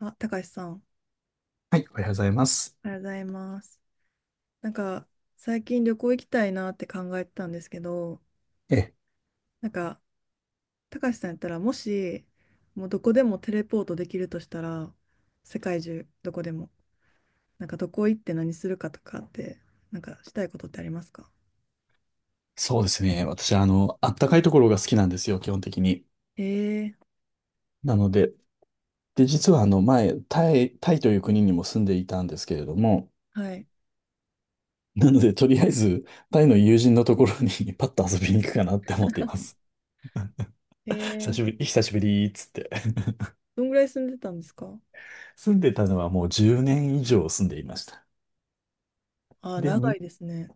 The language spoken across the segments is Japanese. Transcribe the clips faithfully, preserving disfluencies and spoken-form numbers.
あ、たかしさん、はい、おはようございます。おはようございます。なんか、最近旅行行きたいなって考えてたんですけど、え、なんか、たかしさんやったら、もし、もうどこでもテレポートできるとしたら、世界中、どこでも、なんか、どこ行って何するかとかって、なんか、したいことってありますか？そうですね。私、あの、あったかいところが好きなんですよ、基本的に。ええ、なので、で、実は、あの、前、タイ、タイという国にも住んでいたんですけれども、はい。なので、とりあえず、タイの友人のところに パッと遊びに行くかなって思っています。久えしぶえ、り、久しぶりーっつって。どんぐらい住んでたんですか？ 住んでたのはもうじゅうねん以上住んでいました。あー、で、長いに、ですね。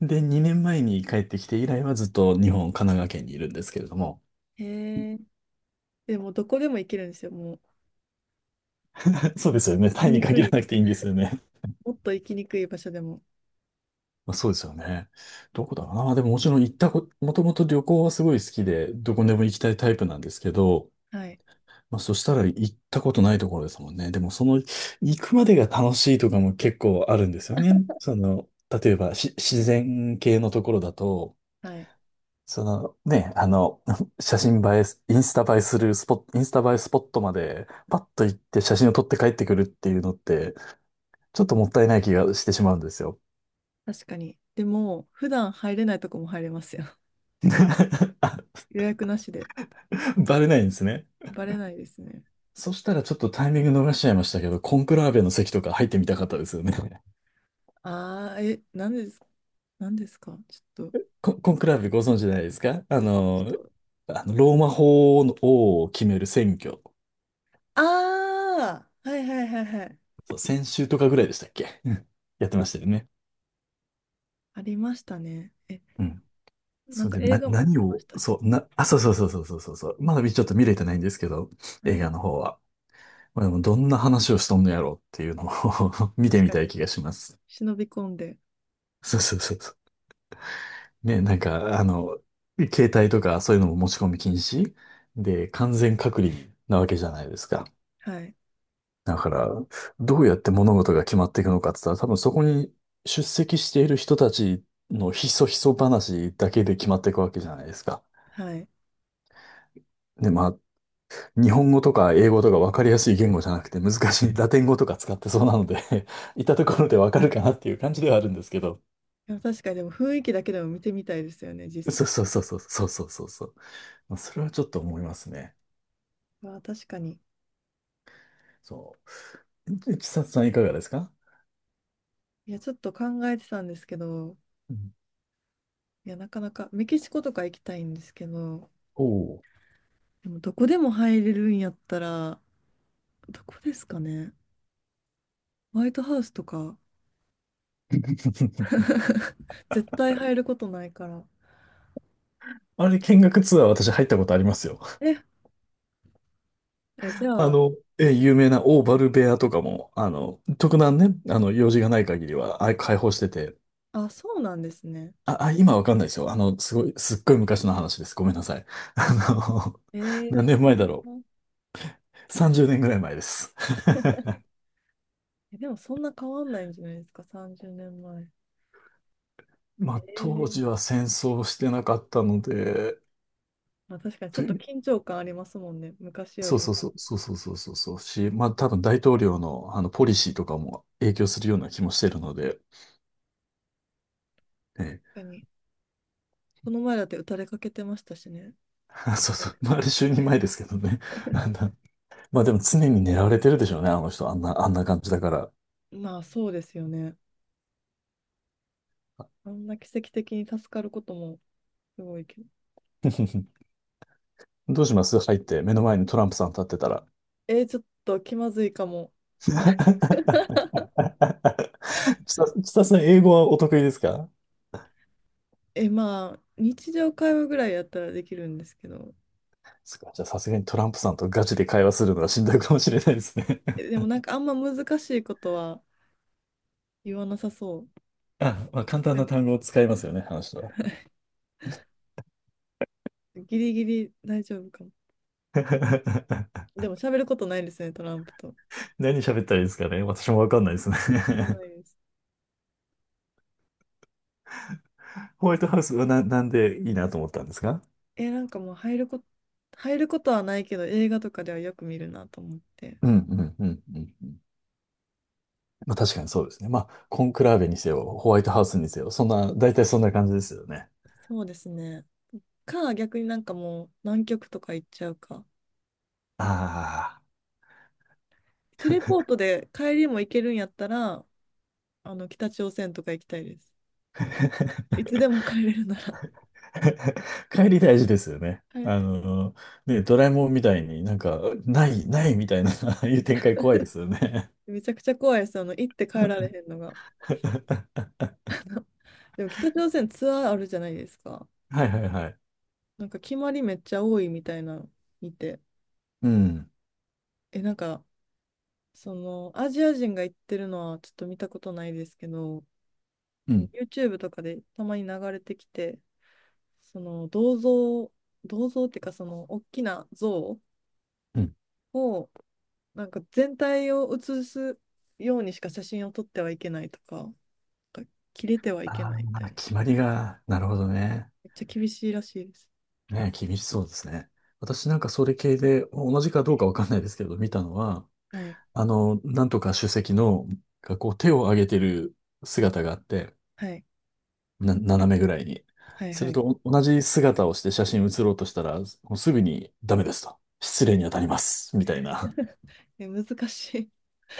で、にねんまえに帰ってきて以来はずっと日本、神奈川県にいるんですけれども。ええ、でも、どこでも行けるんですよ、もう。そうですよね。行タきイににく限らい、なくていいんですよね。もっと行きにくい場所でも。まあ、そうですよね。どこだろうな。でももちろん行ったこ、もともと旅行はすごい好きで、どこでも行きたいタイプなんですけど、はい。まあ、そしたら行ったことないところですもんね。でもその行くまでが楽しいとかも結構あるんですよね。その、例えばし自然系のところだと、はい、そのね、あの、写真映えす、インスタ映えするスポット、インスタ映えスポットまでパッと行って写真を撮って帰ってくるっていうのって、ちょっともったいない気がしてしまうんですよ。確かに。でも、普段入れないとこも入れますよ。予約なしで。バレないんですね。バレないですね。そしたらちょっとタイミング逃しちゃいましたけど、コンクラーベの席とか入ってみたかったですよね。ああ、え、何ですか？何ですかちょっと、コ、コンクラーベご存知ないですかあおちょっの、と。あの、ローマ法王を決める選挙。ああ、はいはいはいはい。そう、先週とかぐらいでしたっけ？うん。 やってましたよね。ありましたね。え、うん。なんそかれで、映な、画もやっ何てまを、したし。そう、な、あ、そうそうそうそうそうそうそう。まだちょっと見れてないんですけど、映は画い。の方は。まあ、でも、どんな話をしとんのやろうっていうのを 見て確みかたいに。気がします。忍び込んで。そうそうそうそう。ね、なんか、あの、携帯とかそういうのも持ち込み禁止で、完全隔離なわけじゃないですか。はい。だから、どうやって物事が決まっていくのかって言ったら、多分そこに出席している人たちのひそひそ話だけで決まっていくわけじゃないですか。はい。いで、まあ、日本語とか英語とか分かりやすい言語じゃなくて難しいラテン語とか使ってそうなので いたところで分かるかなっていう感じではあるんですけど。や、確かに、でも雰囲気だけでも見てみたいですよね、実そう際そうの。そうそうそうそうそうそう。まあそれはちょっと思いますね。ああ、確かに。そう。で千さんいかがですか？いや、ちょっと考えてたんですけど、うん。いや、なかなか、メキシコとか行きたいんですけど、おおでもどこでも入れるんやったら、どこですかね。ホワイトハウスとか、ー。絶対入ることないから。あれ、見学ツアー私入ったことありますよ。え、え、じあゃあ、の、え、有名なオーバルベアとかも、あの、特段ね、あの、用事がない限りは、あ、開放してて、あ、そうなんですね。あ、あ、今わかんないですよ。あの、すごい、すっごい昔の話です。ごめんなさい。あの、え 何ー、い年い前だろな。う。さんじゅうねんぐらい前です。え、でもそんな変わんないんじゃないですか、さんじゅうねんまえ。まえあ、当時ー、は戦争してなかったので、まあ、確かにちょっとと緊張感ありますもんね、昔よそうりそう今。そ確う、そうそうそうそうそうし、まあ多分大統領のあのポリシーとかも影響するような気もしてるので、ええ、かに。この前だって打たれかけてましたしね。そうそう、まああれ結構就任前。 前ですけどね。あんな、まあでも常に狙われてるでしょうね、あの人、あんな、あんな感じだから。まあそうですよね。あんな奇跡的に助かることもすごいけど。どうします入って目の前にトランプさん立ってたら。えー、ちょっと気まずいかも。ちさ、ちささん英語はお得意ですか？え、まあ、日常会話ぐらいやったらできるんですけど、そっか、じゃあさすがにトランプさんとガチで会話するのはしんどいかもしれないですね。え、でもなんかあんま難しいことは言わなさそ あ、まあ簡単う。うなん、単語を使いますよね、あの人は。ギリギリ大丈夫かも。でも喋ることないですね、トランプと。何喋ったらいいですかね。私もわかんないですあね。ないです。ホワイトハウスはな、なんでいいなと思ったんですか？え、なんかもう入ること、入ること、はないけど、映画とかではよく見るなと思って。うんうんうんうんうん。まあ確かにそうですね。まあ、コンクラーベにせよ、ホワイトハウスにせよ、そんな、大体そんな感じですよね。そうですね。か、逆になんかもう南極とか行っちゃうか。あテレポートで帰りも行けるんやったら、あの、北朝鮮とか行きたいです。いつでも帰れるなら。あ。帰り大事ですよね。はい、あの、ね、ドラえもんみたいになんか、ない、ないみたいな、ああいう展開怖いですよね。めちゃくちゃ怖いです。あの、行って帰られへんのが。でも北朝鮮ツアーあるじゃないですか。はいはいはい。なんか決まりめっちゃ多いみたいなの見て。うん。え、なんか、その、アジア人が行ってるのはちょっと見たことないですけど、うん。YouTube とかでたまに流れてきて、その、銅像、銅像っていうか、その、大きな像うん。を、なんか全体を写すようにしか写真を撮ってはいけないとか、なんか切れてはいけあないみたあ、いな。決まりが、なるほどね。めっちゃ厳しいらしいです。ね、厳しそうですね。私なんかそれ系で、同じかどうかわかんないですけど、見たのは、はい。あの、なんとか主席の、がこう手を上げてる姿があって、はい。な、斜めぐらいに。はいすはるい。と、お同じ姿をして写真写ろうとしたら、もうすぐにダメですと。失礼に当たります。みたいな。え、難しい。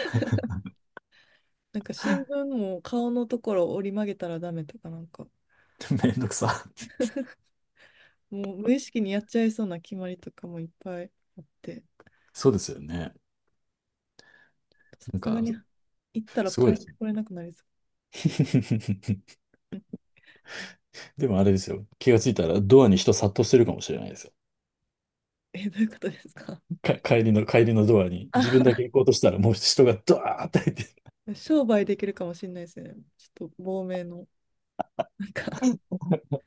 なんか新聞も顔のところを折り曲げたらダメとかなんか、めんどくさ。もう無意識にやっちゃいそうな決まりとかもいっぱいあって、そうですよね。さなんすがか、に行ったらすご帰いっでてすね。これなくなりそ う。うん、でもあれですよ。気がついたらドアに人殺到してるかもしれないですよ。え、どういうことですか？か、帰りの、帰りのドアに自分だあ、け行こうとしたらもう人がドワーって入って、商売できるかもしれないですね。ちょっと亡命の。なんか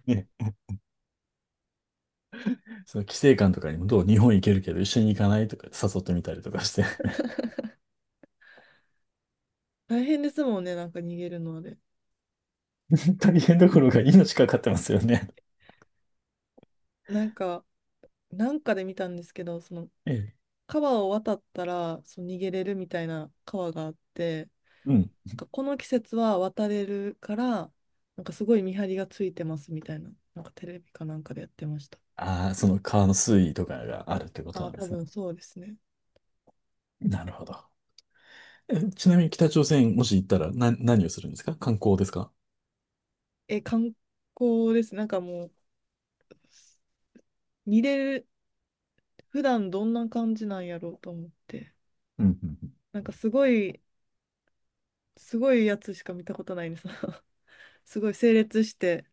ね、その規制官とかにもどう日本行けるけど一緒に行かないとか誘ってみたりとかして 大変ですもんね、なんか逃げるので。大変どころが命かかってますよね。なんか、なんかで見たんですけど、そのええ川を渡ったらそう逃げれるみたいな川があって、うん。なんかこの季節は渡れるから、なんかすごい見張りがついてますみたいな、なんかテレビかなんかでやってました。ああ、その川の水位とかがあるってこあとあ、なんで多すね。分そうですね。なるほど。えちなみに北朝鮮もし行ったらな、何をするんですか観光ですか？え、観光です。なんかもう、見れる、普段どんな感じなんやろうと思って。うんうんうん。なんかすごい、すごいやつしか見たことないです。すごい整列して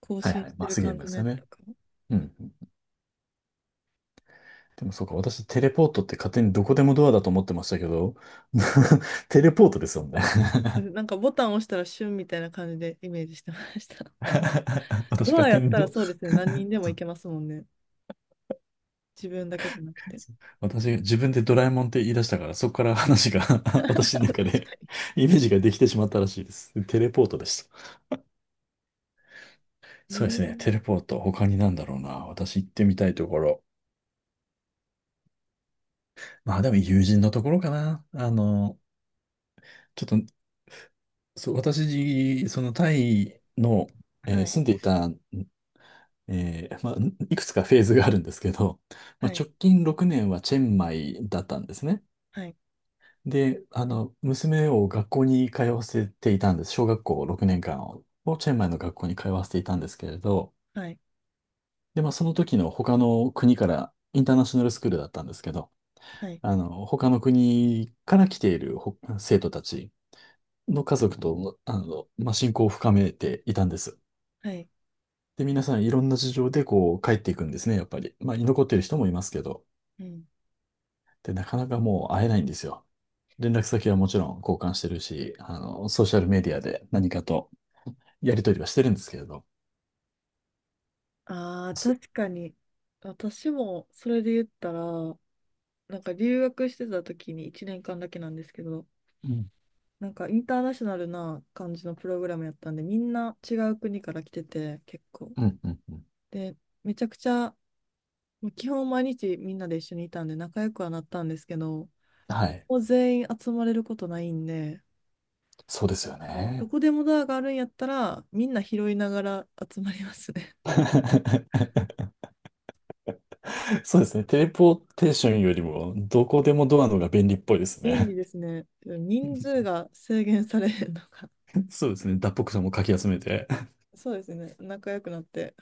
更はい新はい。してマるスゲー感ムでじのすやよつね。とか。うんうん。でもそうか、私テレポートって勝手にどこでもドアだと思ってましたけど、テレポートですよね。なんかボタン押したらシュンみたいな感じでイメージしてました。私ドがアやっ天たらど、そうですね。何人でも行けますもんね。自分だけじゃなくて。私が自分でドラえもんって言い出したから、そこから話が 私あ の 確か中で イメージができてしまったらしいです。テレポートでした。に。そうでえすね、テレー、ポート。他になんだろうな。私行ってみたいところ。まあでも友人のところかな。あの、ちょっと、そう、私、そのタイの、えはーい、住んでいた、えーまあ、いくつかフェーズがあるんですけど、まはあ、い、直近ろくねんはチェンマイだったんですね。はい、で、あの、娘を学校に通わせていたんです。小学校ろくねんかんを、チェンマイの学校に通わせていたんですけれど、はい、で、まあ、その時の他の国から、インターナショナルスクールだったんですけど、はい、あの、他の国から来ているほ生徒たちの家族と、あの、まあ、親交を深めていたんです。はい。で、皆さんいろんな事情でこう帰っていくんですね、やっぱり。まあ、居残ってる人もいますけど、うん。で、なかなかもう会えないんですよ。連絡先はもちろん交換してるし、あの、ソーシャルメディアで何かとやりとりはしてるんですけれど。ああ、そ確かに。私もそれで言ったら、なんか留学してた時にいちねんかんだけなんですけど、うん、なんかインターナショナルな感じのプログラムやったんで、みんな違う国から来てて、結構。うん、うん、うん。で、めちゃくちゃ、もう基本毎日みんなで一緒にいたんで仲良くはなったんですけど、はい。もう全員集まれることないんで、そうですよもうどね。こでもドアがあるんやったら、みんな拾いながら集まりますね。そうですね。テレポーテーションよりも、どこでもドアのが便利っぽいで す便利ね。ですね。人数 が制限されへんのか。そうですね。脱北者もかき集めて。そうですね。仲良くなって